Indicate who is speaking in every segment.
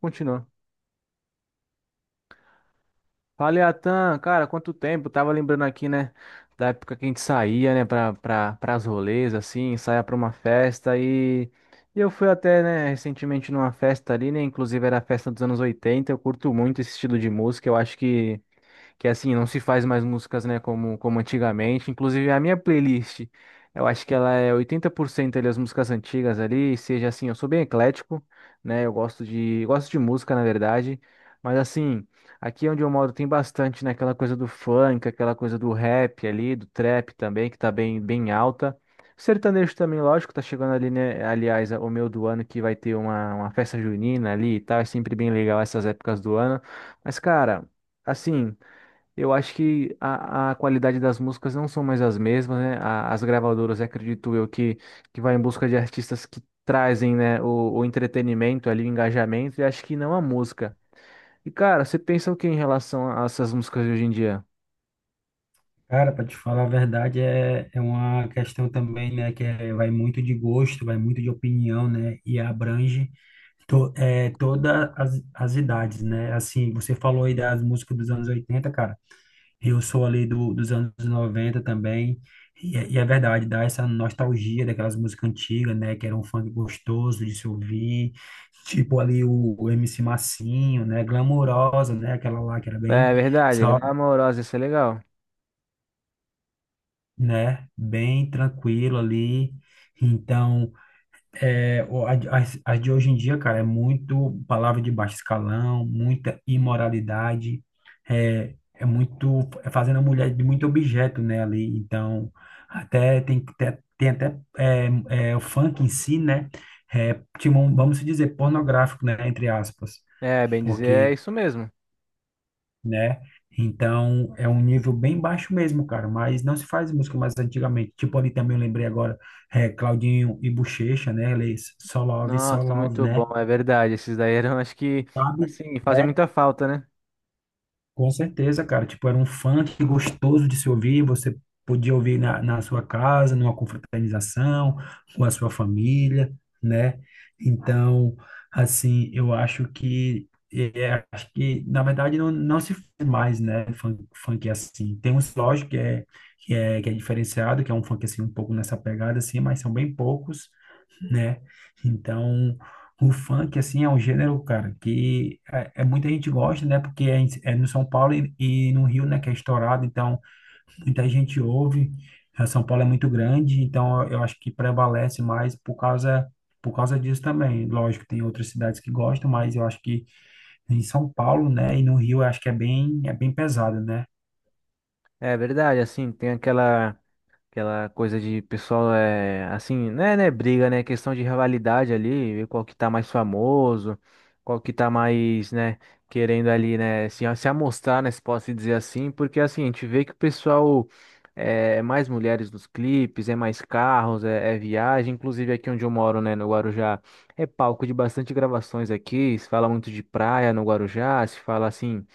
Speaker 1: Continua. Fala, Atan, cara, quanto tempo? Tava lembrando aqui, né, da época que a gente saía, né, pras rolês, assim, saia pra uma festa e. E eu fui até, né, recentemente numa festa ali, né, inclusive era a festa dos anos 80. Eu curto muito esse estilo de música, eu acho que assim, não se faz mais músicas, né, como antigamente. Inclusive, a minha playlist, eu acho que ela é 80% ali as músicas antigas ali, seja assim, eu sou bem eclético, né, eu gosto de música, na verdade, mas assim, aqui onde eu moro tem bastante, né, aquela coisa do funk, aquela coisa do rap ali, do trap também, que tá bem, bem alta. Sertanejo também, lógico, tá chegando ali, né? Aliás, o meu do ano que vai ter uma festa junina ali e tal. É sempre bem legal essas épocas do ano. Mas, cara, assim. Eu acho que a qualidade das músicas não são mais as mesmas, né? As gravadoras, acredito eu, que vai em busca de artistas que trazem, né, o entretenimento ali, o engajamento, e acho que não a música. E, cara, você pensa o que em relação a essas músicas de hoje em dia?
Speaker 2: Cara, para te falar a verdade, é uma questão também, né, vai muito de gosto, vai muito de opinião, né, e abrange todas as idades, né? Assim, você falou aí das músicas dos anos 80, cara, eu sou ali dos anos 90 também, e é verdade, dá essa nostalgia daquelas músicas antigas, né, que era um funk gostoso de se ouvir, tipo ali o MC Massinho, né, Glamurosa, né, aquela lá que era bem...
Speaker 1: É verdade, Glamourosa, isso é legal.
Speaker 2: né? Bem tranquilo ali. Então, as de hoje em dia, cara, é muito palavra de baixo escalão, muita imoralidade, é fazendo a mulher de muito objeto, né, ali. Então, até tem o funk em si, né? É, tipo, vamos dizer, pornográfico, né? Entre aspas.
Speaker 1: É, bem dizer, é
Speaker 2: Porque
Speaker 1: isso mesmo.
Speaker 2: né? Então, é um nível bem baixo mesmo, cara, mas não se faz música mais antigamente. Tipo, ali também eu lembrei agora, Claudinho e Buchecha, né? Eles, Só Love, Só
Speaker 1: Nossa,
Speaker 2: Love,
Speaker 1: muito
Speaker 2: né?
Speaker 1: bom, é verdade. Esses daí eram, acho que,
Speaker 2: Sabe?
Speaker 1: assim, fazem
Speaker 2: É,
Speaker 1: muita falta, né?
Speaker 2: com certeza, cara. Tipo, era um funk gostoso de se ouvir. Você podia ouvir na sua casa, numa confraternização, com a sua família, né? Então, assim, eu acho que. É, acho que, na verdade, não se faz mais, né? Funk, funk assim. Tem uns, lógico, que é diferenciado, que é um funk, assim, um pouco nessa pegada, assim, mas são bem poucos né? Então, o funk, assim, é um gênero, cara, é muita gente gosta, né? Porque é no São Paulo e no Rio, né, que é estourado, então muita gente ouve. A São Paulo é muito grande, então eu acho que prevalece mais por causa disso também. Lógico, tem outras cidades que gostam, mas eu acho que em São Paulo, né, e no Rio, eu acho que é é bem pesado, né?
Speaker 1: É verdade, assim, tem aquela. Aquela coisa de pessoal é assim, né, briga, né, questão de rivalidade ali, ver qual que tá mais famoso, qual que tá mais, né, querendo ali, né, se amostrar, né, se posso dizer assim, porque assim, a gente vê que o pessoal é mais mulheres nos clipes, é mais carros, é viagem, inclusive aqui onde eu moro, né, no Guarujá, é palco de bastante gravações aqui, se fala muito de praia no Guarujá, se fala assim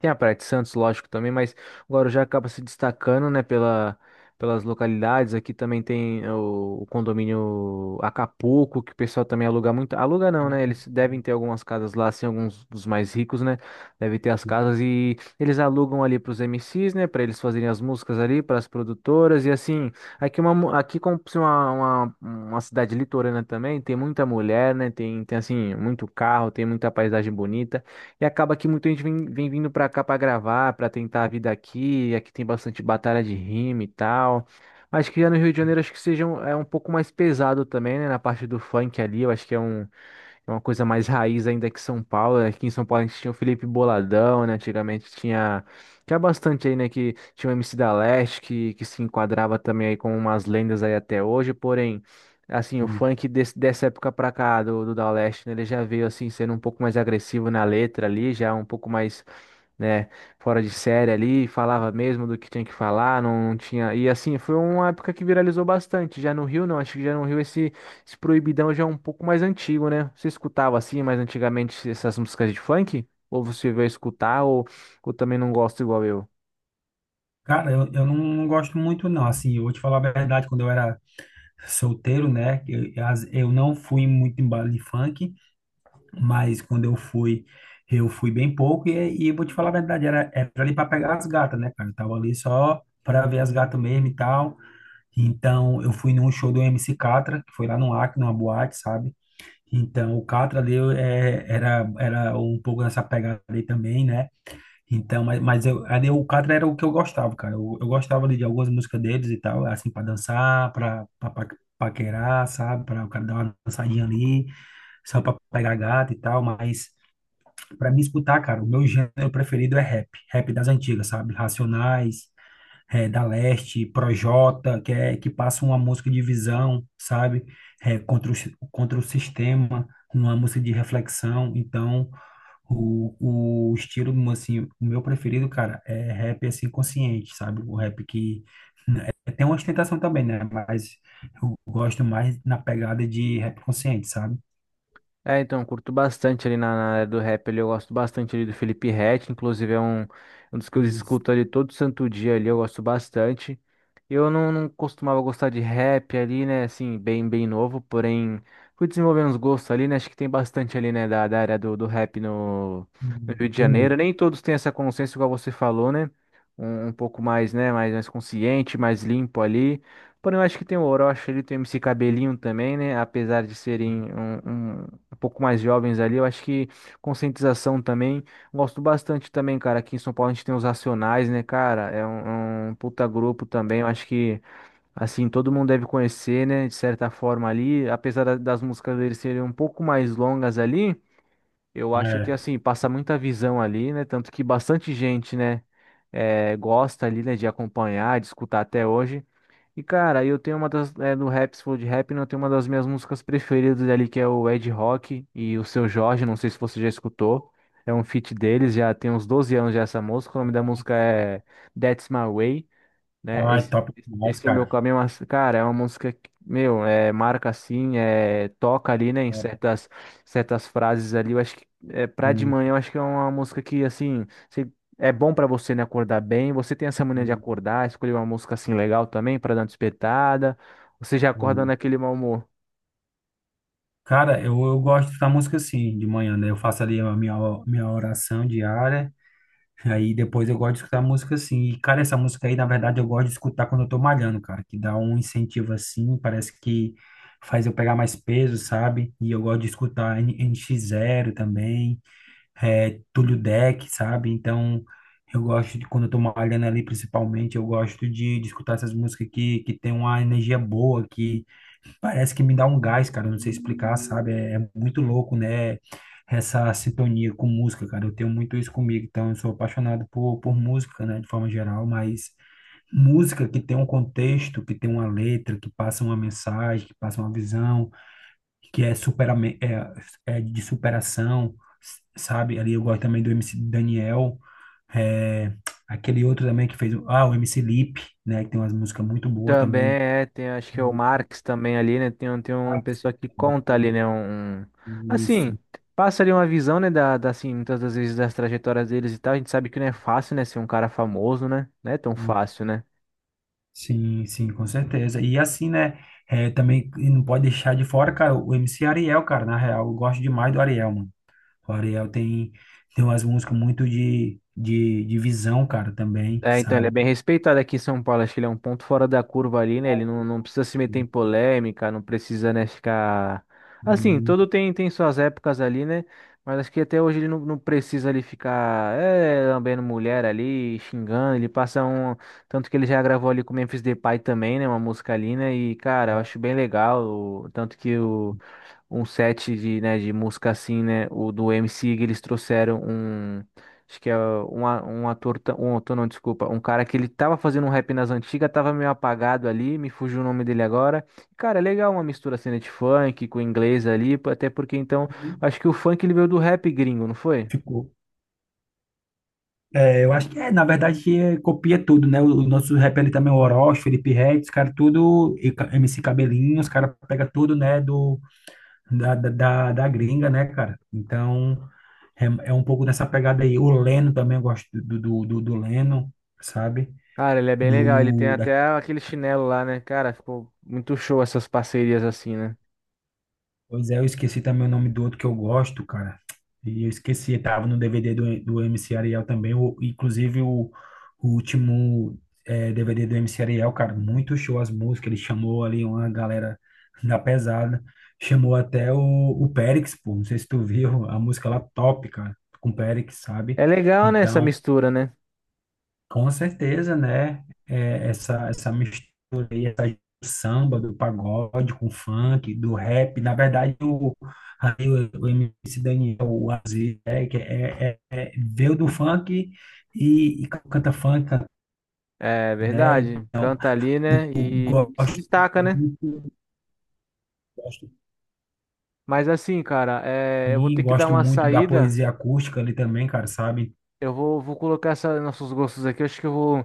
Speaker 1: tem a Praia de Santos, lógico, também, mas o Guarujá acaba se destacando, né, pelas localidades. Aqui também tem o condomínio Acapulco, que o pessoal também aluga muito. Aluga não,
Speaker 2: O-
Speaker 1: né? Eles
Speaker 2: o-
Speaker 1: devem ter algumas casas lá, assim, alguns dos mais ricos, né? Devem ter as casas e eles alugam ali para os MCs, né? Para eles fazerem as músicas ali, para as produtoras. E assim, aqui, aqui como se uma cidade litorânea também, tem muita mulher, né? Tem assim, muito carro, tem muita paisagem bonita. E acaba que muita gente vem vindo pra cá pra gravar, pra tentar a vida aqui. Aqui tem bastante batalha de rima e tal. Acho que já no Rio de Janeiro acho que seja é um pouco mais pesado também, né? Na parte do funk ali, eu acho que é uma coisa mais raiz ainda que São Paulo, né? Aqui em São Paulo a gente tinha o Felipe Boladão, né? Antigamente tinha. Tinha bastante aí, né? Que tinha o MC da Leste, que se enquadrava também aí com umas lendas aí até hoje. Porém, assim, o
Speaker 2: o-
Speaker 1: funk dessa época pra cá, do, do da Leste, né? Ele já veio, assim, sendo um pouco mais agressivo na letra ali, já um pouco mais, né, fora de série ali, falava mesmo do que tinha que falar, não, não tinha. E assim, foi uma época que viralizou bastante. Já no Rio, não, acho que já no Rio esse proibidão já é um pouco mais antigo, né? Você escutava assim, mais antigamente essas músicas de funk? Ou você veio escutar, ou também não gosta igual eu?
Speaker 2: Cara, eu não gosto muito, não. Assim, eu vou te falar a verdade, quando eu era solteiro, né? Eu não fui muito em baile de funk, mas quando eu fui bem pouco e vou te falar a verdade, era ali para pegar as gatas, né, cara? Eu tava ali só para ver as gatas mesmo e tal. Então, eu fui num show do MC Catra, que foi lá no Acre, numa boate, sabe? Então, o Catra ali era um pouco nessa pegada aí também, né? Então, mas eu, ali o Catra era o que eu gostava, cara. Eu gostava ali de algumas músicas deles e tal, assim, pra dançar, paquerar, sabe? Pra o cara dar uma dançadinha ali, só pra pegar gata e tal. Mas pra mim escutar, cara, o meu gênero preferido é rap. Rap das antigas, sabe? Racionais, da Leste, Projota, que passa uma música de visão, sabe? Contra contra o sistema, uma música de reflexão. Então. O estilo, assim, o meu preferido, cara, é rap, assim, consciente, sabe? O rap tem uma ostentação também, né? Mas eu gosto mais na pegada de rap consciente, sabe?
Speaker 1: É, então, eu curto bastante ali na área do rap, ali, eu gosto bastante ali do Felipe Ret, inclusive é um dos que eu
Speaker 2: Isso.
Speaker 1: escuto ali todo santo dia ali, eu gosto bastante. Eu não, não costumava gostar de rap ali, né, assim, bem, bem novo, porém fui desenvolvendo os gostos ali, né, acho que tem bastante ali, né, da área do rap no Rio de
Speaker 2: Tem
Speaker 1: Janeiro,
Speaker 2: muito.
Speaker 1: nem todos têm essa consciência igual você falou, né, um pouco mais, né, mais consciente, mais limpo ali. Porém, eu acho que tem o Orochi, ele tem o MC Cabelinho também, né? Apesar de serem um pouco mais jovens ali. Eu acho que conscientização também. Gosto bastante também, cara. Aqui em São Paulo a gente tem os Racionais, né, cara? É um puta grupo também. Eu acho que, assim, todo mundo deve conhecer, né, de certa forma ali. Apesar das músicas deles serem um pouco mais longas ali, eu acho que,
Speaker 2: É.
Speaker 1: assim, passa muita visão ali, né? Tanto que bastante gente, né, gosta ali, né, de acompanhar, de escutar até hoje. E cara, eu tenho uma das, é, do rap, se for de rap, né, eu tenho uma das minhas músicas preferidas ali, que é o Ed Rock e o Seu Jorge, não sei se você já escutou. É um feat deles, já tem uns 12 anos já essa música, o nome da música é "That's My Way", né?
Speaker 2: Ai,
Speaker 1: Esse,
Speaker 2: top demais,
Speaker 1: esse é meu
Speaker 2: cara.
Speaker 1: caminho, mas, cara, é uma música que, meu, é, marca assim, é, toca ali, né, em
Speaker 2: É.
Speaker 1: certas frases ali. Eu acho que é, pra de
Speaker 2: Hum,
Speaker 1: manhã, eu acho que é uma música que, assim, é bom pra você, né, acordar bem. Você tem essa mania de
Speaker 2: hum,
Speaker 1: acordar, escolher uma música assim legal também pra dar uma despertada. Você já acorda
Speaker 2: hum.
Speaker 1: naquele mau humor.
Speaker 2: Cara, eu gosto da música assim, de manhã, né? Eu faço ali a minha oração diária. Aí depois eu gosto de escutar música assim. E, cara, essa música aí, na verdade, eu gosto de escutar quando eu tô malhando, cara, que dá um incentivo assim, parece que faz eu pegar mais peso, sabe? E eu gosto de escutar nx zero também, Túlio Deck, sabe? Então, eu gosto de, quando eu tô malhando ali, principalmente, eu gosto de escutar essas músicas que tem uma energia boa. Parece que me dá um gás, cara. Eu Não sei explicar, sabe? É muito louco, né? Essa sintonia com música, cara. Eu tenho muito isso comigo. Então, eu sou apaixonado por música, né? De forma geral, mas música que tem um contexto, que tem uma letra, que passa uma mensagem, que passa uma visão, que é, supera, é, é de superação, sabe? Ali eu gosto também do MC Daniel. É, aquele outro também que fez. Ah, o MC Lipe, né? Que tem umas músicas muito boas
Speaker 1: Também
Speaker 2: também.
Speaker 1: é, tem acho que é o
Speaker 2: de-
Speaker 1: Marx também ali, né? Tem uma pessoa que conta ali, né? Um, assim,
Speaker 2: Isso.
Speaker 1: passa ali uma visão, né? Da, assim, muitas das vezes das trajetórias deles e tal. A gente sabe que não é fácil, né? Ser um cara famoso, né? Não é tão fácil, né?
Speaker 2: Sim, com certeza. E assim, né? É, também não pode deixar de fora, cara, o MC Ariel, cara. Na real, eu gosto demais do Ariel, mano. O Ariel tem, tem umas músicas muito de visão, cara, também,
Speaker 1: É, então ele é
Speaker 2: sabe?
Speaker 1: bem respeitado aqui em São Paulo. Acho que ele é um ponto fora da curva ali, né? Ele não, não precisa se meter em polêmica, não precisa, né, ficar. Assim,
Speaker 2: Hum,
Speaker 1: todo tem suas épocas ali, né? Mas acho que até hoje ele não, não precisa ali ficar lambendo mulher ali, xingando. Ele passa um. Tanto que ele já gravou ali com o Memphis Depay também, né? Uma música ali, né? E, cara, eu acho bem legal. Tanto que o um set de, né, de música assim, né? O do MC, eles trouxeram um. Acho que é um, um ator, um ator, não, desculpa, um cara que ele tava fazendo um rap nas antigas, tava meio apagado ali, me fugiu o nome dele agora. Cara, é legal uma mistura assim, né, de funk com inglês ali, até porque então, acho que o funk ele veio do rap gringo, não foi?
Speaker 2: Ficou. É, eu acho que é, na verdade, que é, copia tudo, né? O nosso rap ali também, o Orochi, Felipe Ret, os caras tudo, MC Cabelinho, os caras pega tudo, né, do da gringa, né, cara? Então, é, é um pouco nessa pegada aí. O Leno também, eu gosto do Leno, sabe?
Speaker 1: Cara, ele é bem legal, ele tem
Speaker 2: Do,
Speaker 1: até aquele chinelo lá, né? Cara, ficou muito show essas parcerias assim, né?
Speaker 2: pois é, eu esqueci também o nome do outro que eu gosto, cara. E eu esqueci, tava no DVD do MC Ariel também. O, inclusive, o último eh, DVD do MC Ariel, cara, muito show as músicas. Ele chamou ali uma galera da pesada. Chamou até o Périx, pô. Não sei se tu viu a música lá, top, cara, com o Périx, sabe?
Speaker 1: É legal, né, essa
Speaker 2: Então,
Speaker 1: mistura, né?
Speaker 2: com certeza, né? É, essa mistura aí, essa do samba, do pagode com funk, do rap. Na verdade, o MC Daniel, o Aziz, né? Que é, é, é- veio do funk e canta funk,
Speaker 1: É
Speaker 2: né?
Speaker 1: verdade,
Speaker 2: Então,
Speaker 1: canta ali, né?
Speaker 2: eu
Speaker 1: E se
Speaker 2: gosto
Speaker 1: destaca, né?
Speaker 2: muito, gosto,
Speaker 1: Mas assim, cara, eu vou
Speaker 2: sim,
Speaker 1: ter que dar
Speaker 2: gosto
Speaker 1: uma
Speaker 2: muito da
Speaker 1: saída.
Speaker 2: poesia acústica ali também, cara, sabe?
Speaker 1: Eu vou colocar nossos gostos aqui. Eu acho que eu vou.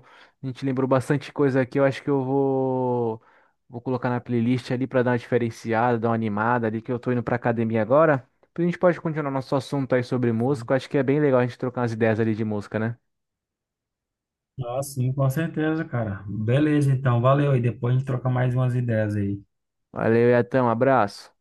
Speaker 1: A gente lembrou bastante coisa aqui. Eu acho que eu vou. Vou colocar na playlist ali pra dar uma diferenciada, dar uma animada ali, que eu tô indo pra academia agora. Depois a gente pode continuar nosso assunto aí sobre música. Eu acho que é bem legal a gente trocar umas ideias ali de música, né?
Speaker 2: Ah, sim, com certeza, cara. Beleza, então, valeu. E depois a gente troca mais umas ideias aí.
Speaker 1: Valeu, Iatan, um abraço.